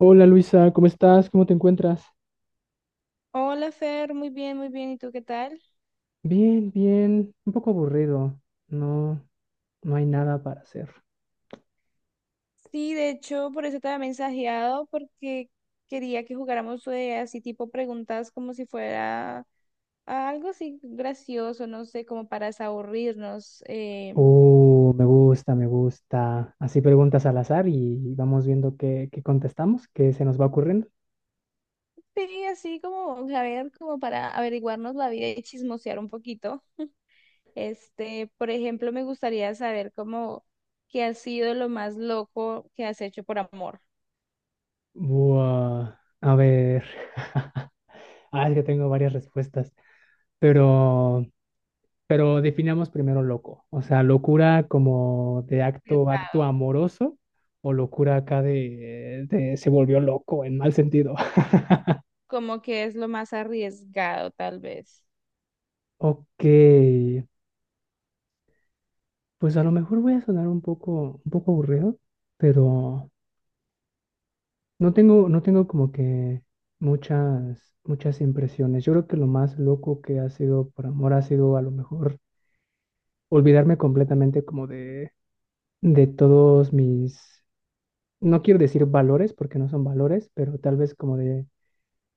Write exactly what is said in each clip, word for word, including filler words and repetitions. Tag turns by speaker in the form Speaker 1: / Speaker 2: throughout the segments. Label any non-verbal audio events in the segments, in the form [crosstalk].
Speaker 1: Hola Luisa, ¿cómo estás? ¿Cómo te encuentras?
Speaker 2: Hola Fer, muy bien, muy bien. ¿Y tú qué tal?
Speaker 1: Bien, bien, un poco aburrido. No, no hay nada para hacer.
Speaker 2: Sí, de hecho, por eso te había mensajeado, porque quería que jugáramos, eh, así tipo preguntas como si fuera algo así gracioso, no sé, como para desaburrirnos. Eh,
Speaker 1: Oh, me gusta, me gusta. Así preguntas al azar y vamos viendo qué, qué contestamos, qué se nos va ocurriendo.
Speaker 2: sí, así como, a ver, como para averiguarnos la vida y chismosear un poquito. Este, por ejemplo, me gustaría saber cómo, qué ha sido lo más loco que has hecho por amor.
Speaker 1: Buah, a ver. [laughs] Ah, es que tengo varias respuestas. Pero, pero definamos primero loco. O sea, locura como de acto, acto
Speaker 2: Arriesgado.
Speaker 1: amoroso o locura acá de, de se volvió loco en mal sentido. [laughs]
Speaker 2: Como que es lo más arriesgado, tal vez.
Speaker 1: Ok, pues a lo mejor voy a sonar un poco, un poco aburrido, pero no tengo, no tengo como que muchas, muchas impresiones. Yo creo que lo más loco que ha sido por amor ha sido a lo mejor olvidarme completamente como de, de todos mis no quiero decir valores porque no son valores, pero tal vez como de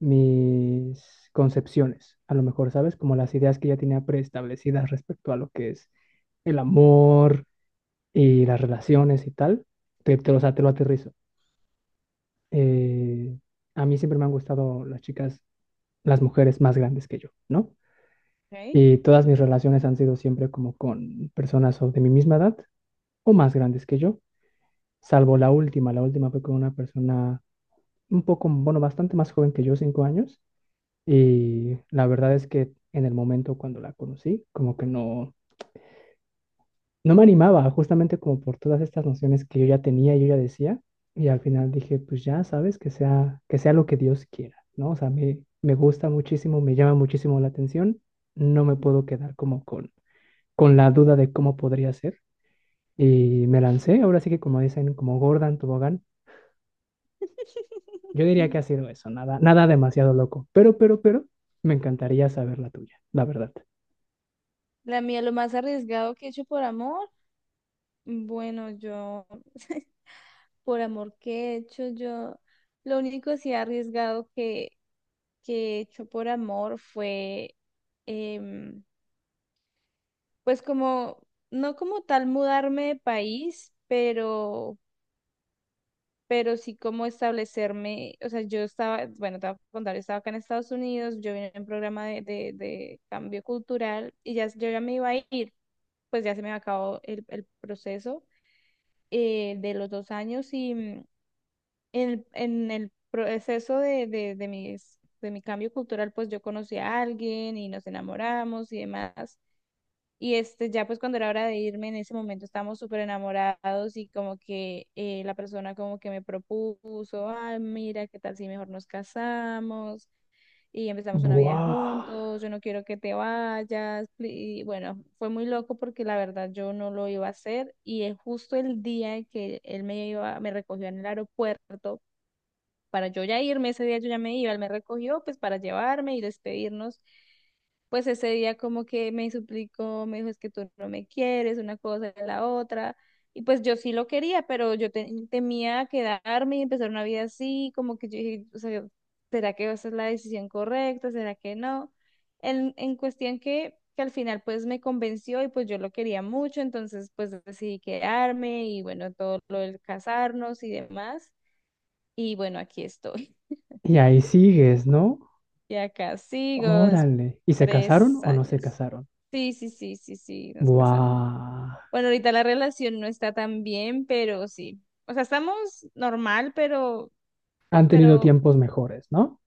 Speaker 1: mis concepciones, a lo mejor, ¿sabes? Como las ideas que ya tenía preestablecidas respecto a lo que es el amor y las relaciones y tal, te, te, o sea, te lo aterrizo. Eh, a mí siempre me han gustado las chicas, las mujeres más grandes que yo, ¿no?
Speaker 2: Ok.
Speaker 1: Y todas mis relaciones han sido siempre como con personas o de mi misma edad o más grandes que yo, salvo la última. La última fue con una persona un poco, bueno, bastante más joven que yo, cinco años, y la verdad es que en el momento cuando la conocí, como que no, no, me animaba, justamente como por todas estas nociones que yo ya tenía y yo ya decía, y al final dije, pues ya sabes, que sea, que sea lo que Dios quiera, ¿no? O sea, me, me gusta muchísimo, me llama muchísimo la atención, no me puedo quedar como con, con la duda de cómo podría ser, y me lancé, ahora sí que como dicen, como Gordon Tobogán. Yo diría que ha
Speaker 2: [laughs]
Speaker 1: sido eso, nada, nada demasiado loco. Pero, pero, pero, me encantaría saber la tuya, la verdad.
Speaker 2: La mía, lo más arriesgado que he hecho por amor. Bueno, yo, [laughs] por amor que he hecho, yo, lo único así arriesgado que, que he hecho por amor fue, em, pues como, no como tal mudarme de país, pero pero sí como establecerme. O sea, yo estaba, bueno, te voy a contar, yo estaba acá en Estados Unidos, yo vine en un programa de, de, de cambio cultural y ya yo ya me iba a ir, pues ya se me acabó el, el proceso, eh, de los dos años y mm, en, en el proceso de, de, de mis- de mi cambio cultural, pues yo conocí a alguien y nos enamoramos y demás. Y este, ya pues cuando era hora de irme, en ese momento estábamos súper enamorados y como que, eh, la persona como que me propuso, ay, mira, ¿qué tal si mejor nos casamos y empezamos una vida
Speaker 1: Buah.
Speaker 2: juntos? Yo no quiero que te vayas. Y bueno, fue muy loco porque la verdad yo no lo iba a hacer y, eh, justo el día que él me iba, me recogió en el aeropuerto para yo ya irme. Ese día yo ya me iba, él me recogió pues para llevarme y despedirnos. Pues ese día como que me suplicó, me dijo, es que tú no me quieres, una cosa y la otra. Y pues yo sí lo quería, pero yo te- temía quedarme y empezar una vida así, como que yo dije, o sea, ¿será que esa es la decisión correcta? ¿Será que no? En, en cuestión que, que al final pues me convenció y pues yo lo quería mucho, entonces pues decidí quedarme y bueno, todo lo del casarnos y demás. Y bueno, aquí estoy.
Speaker 1: Y ahí sigues, ¿no?
Speaker 2: Y acá sigo, des-
Speaker 1: Órale. ¿Y se
Speaker 2: tres
Speaker 1: casaron o no se
Speaker 2: años.
Speaker 1: casaron?
Speaker 2: Sí, sí, sí, sí, sí, nos casamos.
Speaker 1: Buah.
Speaker 2: Bueno, ahorita la relación no está tan bien, pero sí. O sea, estamos normal, pero,
Speaker 1: Han tenido
Speaker 2: pero
Speaker 1: tiempos mejores, ¿no?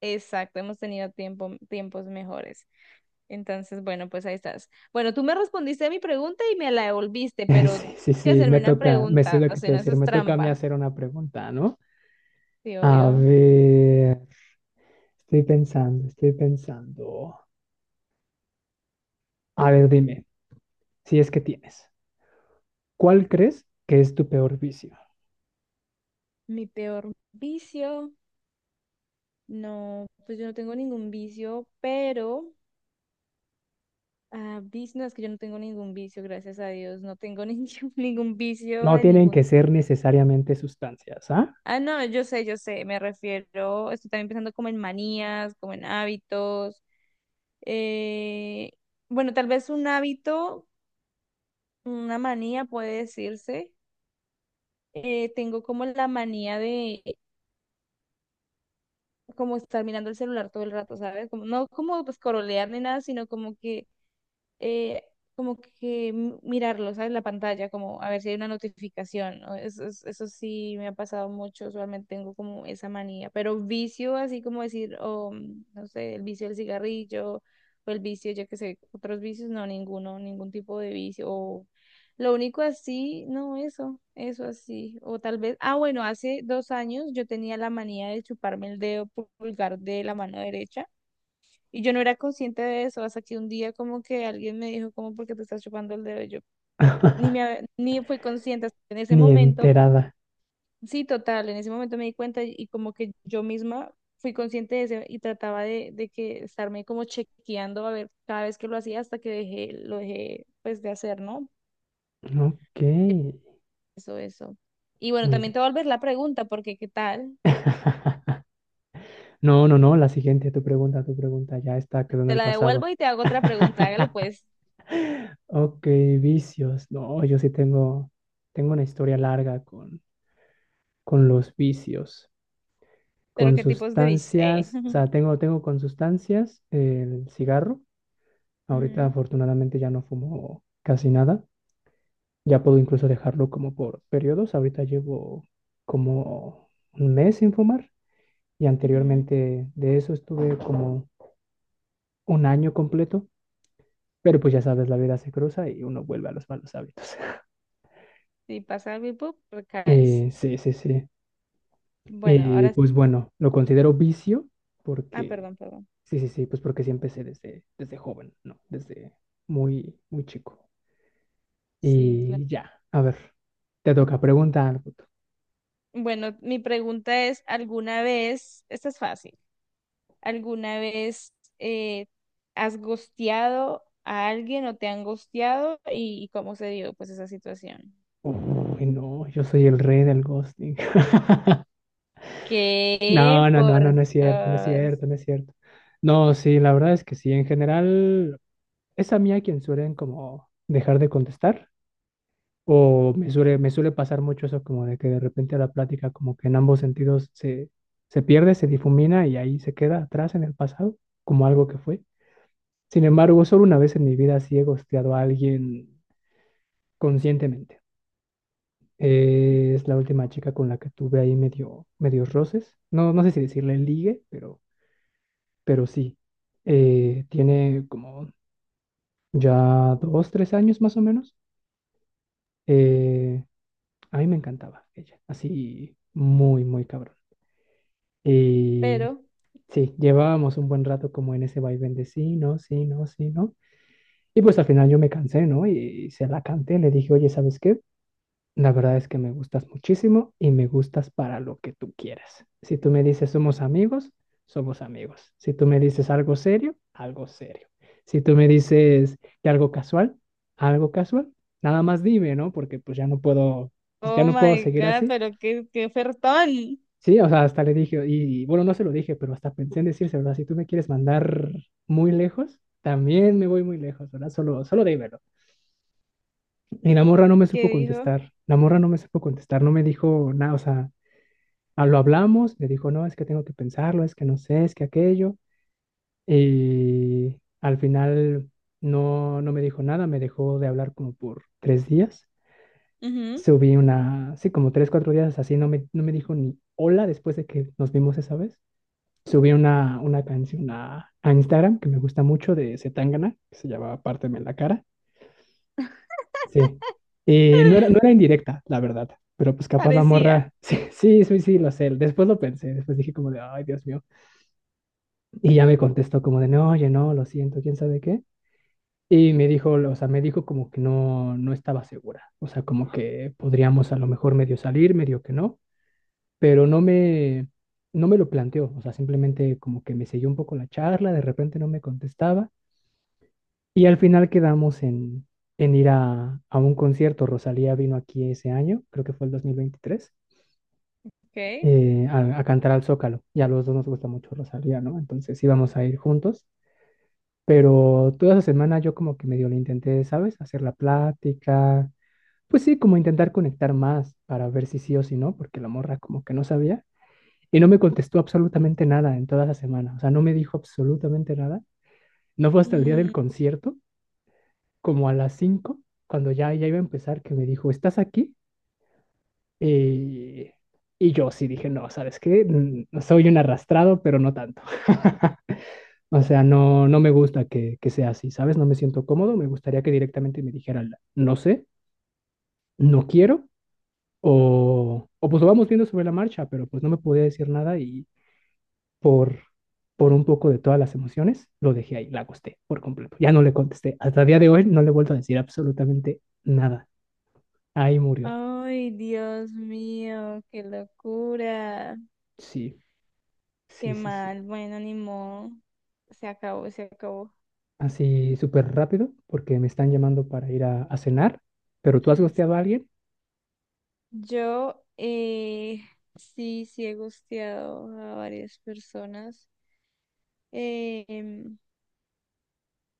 Speaker 2: exacto, hemos tenido tiempo, tiempos mejores. Entonces, bueno, pues ahí estás. Bueno, tú me respondiste a mi pregunta y me la devolviste,
Speaker 1: [laughs]
Speaker 2: pero
Speaker 1: Sí,
Speaker 2: tienes
Speaker 1: sí,
Speaker 2: que
Speaker 1: sí,
Speaker 2: hacerme
Speaker 1: me
Speaker 2: una
Speaker 1: toca, me sé
Speaker 2: pregunta,
Speaker 1: lo
Speaker 2: o
Speaker 1: que
Speaker 2: sea,
Speaker 1: te
Speaker 2: no, eso
Speaker 1: decir,
Speaker 2: es
Speaker 1: me toca a mí
Speaker 2: trampa.
Speaker 1: hacer una pregunta, ¿no?
Speaker 2: Sí,
Speaker 1: A
Speaker 2: obvio.
Speaker 1: ver, estoy pensando, estoy pensando. A ver, dime, si es que tienes, ¿cuál crees que es tu peor vicio?
Speaker 2: Mi peor vicio. No, pues yo no tengo ningún vicio, pero... Ah, vic- no, es que yo no tengo ningún vicio, gracias a Dios, no tengo [laughs] ningún, ningún vicio
Speaker 1: No
Speaker 2: de
Speaker 1: tienen
Speaker 2: ningún.
Speaker 1: que ser necesariamente sustancias, ¿ah?
Speaker 2: Ah, no, yo sé, yo sé, me refiero, estoy también pensando como en manías, como en hábitos. Eh, bueno, tal vez un hábito, una manía puede decirse. Eh, tengo como la manía de como estar mirando el celular todo el rato, ¿sabes? Como, no como pues corolear ni nada, sino como que, eh, como que m- mirarlo, ¿sabes? La pantalla, como a ver si hay una notificación, ¿no? Eso, es- eso sí me ha pasado mucho, usualmente tengo como esa manía, pero vicio, así como decir, o mm, no sé, el vicio del cigarrillo o el vicio, yo qué sé, otros vicios, no, ninguno, ningún tipo de vicio. O lo único así, no, eso, eso así. O tal vez, ah, bueno, hace dos años yo tenía la manía de chuparme el dedo pulgar de la mano derecha y yo no era consciente de eso, hasta que un día como que alguien me dijo, como, ¿por qué te estás chupando el dedo? Y Yo ni me,
Speaker 1: [laughs]
Speaker 2: hab- ni fui consciente en ese
Speaker 1: Ni
Speaker 2: momento.
Speaker 1: enterada.
Speaker 2: Sí, total, en ese momento me di cuenta y, y como que yo misma fui consciente de eso y trataba de, de que estarme como chequeando a ver cada vez que lo hacía hasta que dejé, lo dejé pues de hacer, ¿no?
Speaker 1: Ok,
Speaker 2: Eso, eso. Y bueno,
Speaker 1: muy
Speaker 2: también
Speaker 1: bien.
Speaker 2: te voy a volver la pregunta, porque ¿qué tal?
Speaker 1: [laughs] No, no, no, la siguiente, tu pregunta, tu pregunta, ya está, quedó en
Speaker 2: Te
Speaker 1: el
Speaker 2: la
Speaker 1: pasado.
Speaker 2: devuelvo y te hago otra pregunta, hágale
Speaker 1: [laughs]
Speaker 2: pues.
Speaker 1: Ok, vicios. No, yo sí tengo, tengo, una historia larga con, con los vicios.
Speaker 2: Pero
Speaker 1: Con
Speaker 2: ¿qué tipos de bichos? Eh.
Speaker 1: sustancias, o
Speaker 2: [laughs]
Speaker 1: sea, tengo, tengo con sustancias el cigarro. Ahorita
Speaker 2: Ujú,
Speaker 1: afortunadamente ya no fumo casi nada. Ya puedo incluso dejarlo como por periodos. Ahorita llevo como un mes sin fumar y
Speaker 2: ujú.
Speaker 1: anteriormente de eso estuve como un año completo. Pero pues ya sabes, la vida se cruza y uno vuelve a los malos hábitos. [laughs]
Speaker 2: Si pasa algo y ¡pup!, recaes.
Speaker 1: Eh, sí, sí, sí.
Speaker 2: Bueno,
Speaker 1: Y
Speaker 2: ahora. s-
Speaker 1: pues bueno, lo considero vicio
Speaker 2: Ah,
Speaker 1: porque,
Speaker 2: perdón, perdón.
Speaker 1: sí, sí, sí, pues porque sí empecé desde, desde joven, ¿no? Desde muy, muy chico.
Speaker 2: Sí, claro.
Speaker 1: Y ya, a ver, te toca preguntar algo tú.
Speaker 2: Bueno, mi pregunta es: ¿alguna vez, esta es fácil, ¿alguna vez eh, has gosteado a alguien o te han gosteado y, y cómo se dio pues esa situación?
Speaker 1: Uy, no, yo soy el rey del ghosting.
Speaker 2: ¿Qué?
Speaker 1: No, no, no, no,
Speaker 2: Por
Speaker 1: no es cierto, no es
Speaker 2: Dios.
Speaker 1: cierto, no es cierto. No, sí, la verdad es que sí, en general es a mí a quien suelen como dejar de contestar o me suele, me suele pasar mucho eso como de que de repente la plática como que en ambos sentidos se, se pierde, se difumina y ahí se queda atrás en el pasado como algo que fue. Sin embargo, solo una vez en mi vida sí he ghosteado a alguien conscientemente. Eh, es la última chica con la que tuve ahí medio, medios roces. No, no sé si decirle ligue, pero... pero sí, eh, tiene como ya dos, tres años más o menos. Eh, a mí me encantaba ella, así muy, muy cabrón. Y
Speaker 2: Pero,
Speaker 1: sí, llevábamos un buen rato como en ese vaivén de sí, no, sí, no, sí, no. Y pues al final yo me cansé, ¿no? Y se la canté, le dije, oye, ¿sabes qué? La verdad es que me gustas muchísimo y me gustas para lo que tú quieras. Si tú me dices somos amigos, somos amigos. Si tú me dices algo serio, algo serio. Si tú me dices que algo casual, algo casual. Nada más dime, ¿no? Porque pues ya no puedo, pues ya
Speaker 2: oh
Speaker 1: no puedo
Speaker 2: my
Speaker 1: seguir
Speaker 2: God,
Speaker 1: así.
Speaker 2: pero qué, qué ofertón.
Speaker 1: Sí, o sea, hasta le dije, y y, bueno, no se lo dije, pero hasta pensé en decirse, ¿verdad? Si tú me quieres mandar muy lejos, también me voy muy lejos, ¿verdad? Solo, solo dímelo. Y la morra no me
Speaker 2: Que
Speaker 1: supo
Speaker 2: dijo?
Speaker 1: contestar, la morra no me supo contestar, no me dijo nada, o sea, ah, lo hablamos, le dijo, no, es que tengo que pensarlo, es que no sé, es que aquello. Y al final no, no, me dijo nada, me dejó de hablar como por tres días.
Speaker 2: Ujú.
Speaker 1: Subí una, sí, como tres, cuatro días así, no me, no me dijo ni hola después de que nos vimos esa vez. Subí una, una canción a, a Instagram que me gusta mucho de Zetangana, que se llama Párteme la cara. Sí. Y no era, no era indirecta, la verdad. Pero pues capaz la
Speaker 2: Parecía.
Speaker 1: morra, [laughs] sí, sí, sí, sí, lo sé. Después lo pensé, después dije como de, ay, Dios mío. Y ya me contestó como de, no, oye, no, lo siento, quién sabe qué. Y me dijo, o sea, me dijo como que no, no, estaba segura. O sea, como que podríamos a lo mejor medio salir, medio que no, pero no me, no me lo planteó. O sea, simplemente como que me selló un poco la charla, de repente no me contestaba. Y al final quedamos en, en ir a, a un concierto. Rosalía vino aquí ese año, creo que fue el dos mil veintitrés,
Speaker 2: Ok.
Speaker 1: eh, a, a cantar al Zócalo. Y a los dos nos gusta mucho Rosalía, ¿no? Entonces íbamos a ir juntos. Pero toda esa semana yo como que medio le intenté, ¿sabes? Hacer la plática. Pues sí, como intentar conectar más para ver si sí o si no, porque la morra como que no sabía. Y no me contestó absolutamente nada en toda esa semana. O sea, no me dijo absolutamente nada. No fue hasta el día del
Speaker 2: Mm.
Speaker 1: concierto, como a las cinco cuando ya, ya iba a empezar, que me dijo, ¿estás aquí? Eh, y yo sí dije, no, ¿sabes qué? Mm, Soy un arrastrado, pero no tanto. [laughs] O sea, no, no, me gusta que, que sea así, ¿sabes? No me siento cómodo, me gustaría que directamente me dijeran, no sé, no quiero, o, o pues lo vamos viendo sobre la marcha, pero pues no me podía decir nada y por, por un poco de todas las emociones lo dejé ahí, la acosté por completo. Ya no le contesté, hasta el día de hoy no le he vuelto a decir absolutamente nada. Ahí murió.
Speaker 2: Ay, Dios mío, qué locura.
Speaker 1: Sí,
Speaker 2: Qué
Speaker 1: sí, sí, sí.
Speaker 2: mal. Bueno, ni modo. Se acabó, se acabó.
Speaker 1: Así súper rápido, porque me están llamando para ir a, a, cenar, pero tú has gosteado a alguien.
Speaker 2: Yo, eh, sí, sí he gusteado a varias personas. Eh, em,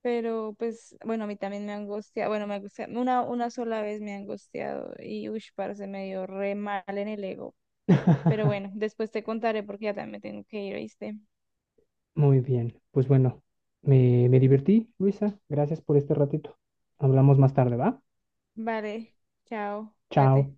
Speaker 2: pero pues, bueno, a mí también me han gusteado. Bueno, me gusta... Una, una sola vez me han gusteado. Y uy, parce, me dio re mal en el ego. Pero
Speaker 1: [laughs]
Speaker 2: bueno, después te contaré porque ya también me tengo que ir, ¿oíste?
Speaker 1: Muy bien, pues bueno, me, me divertí, Luisa. Gracias por este ratito. Hablamos más tarde, ¿va?
Speaker 2: Vale, chao, cuídate.
Speaker 1: Chao.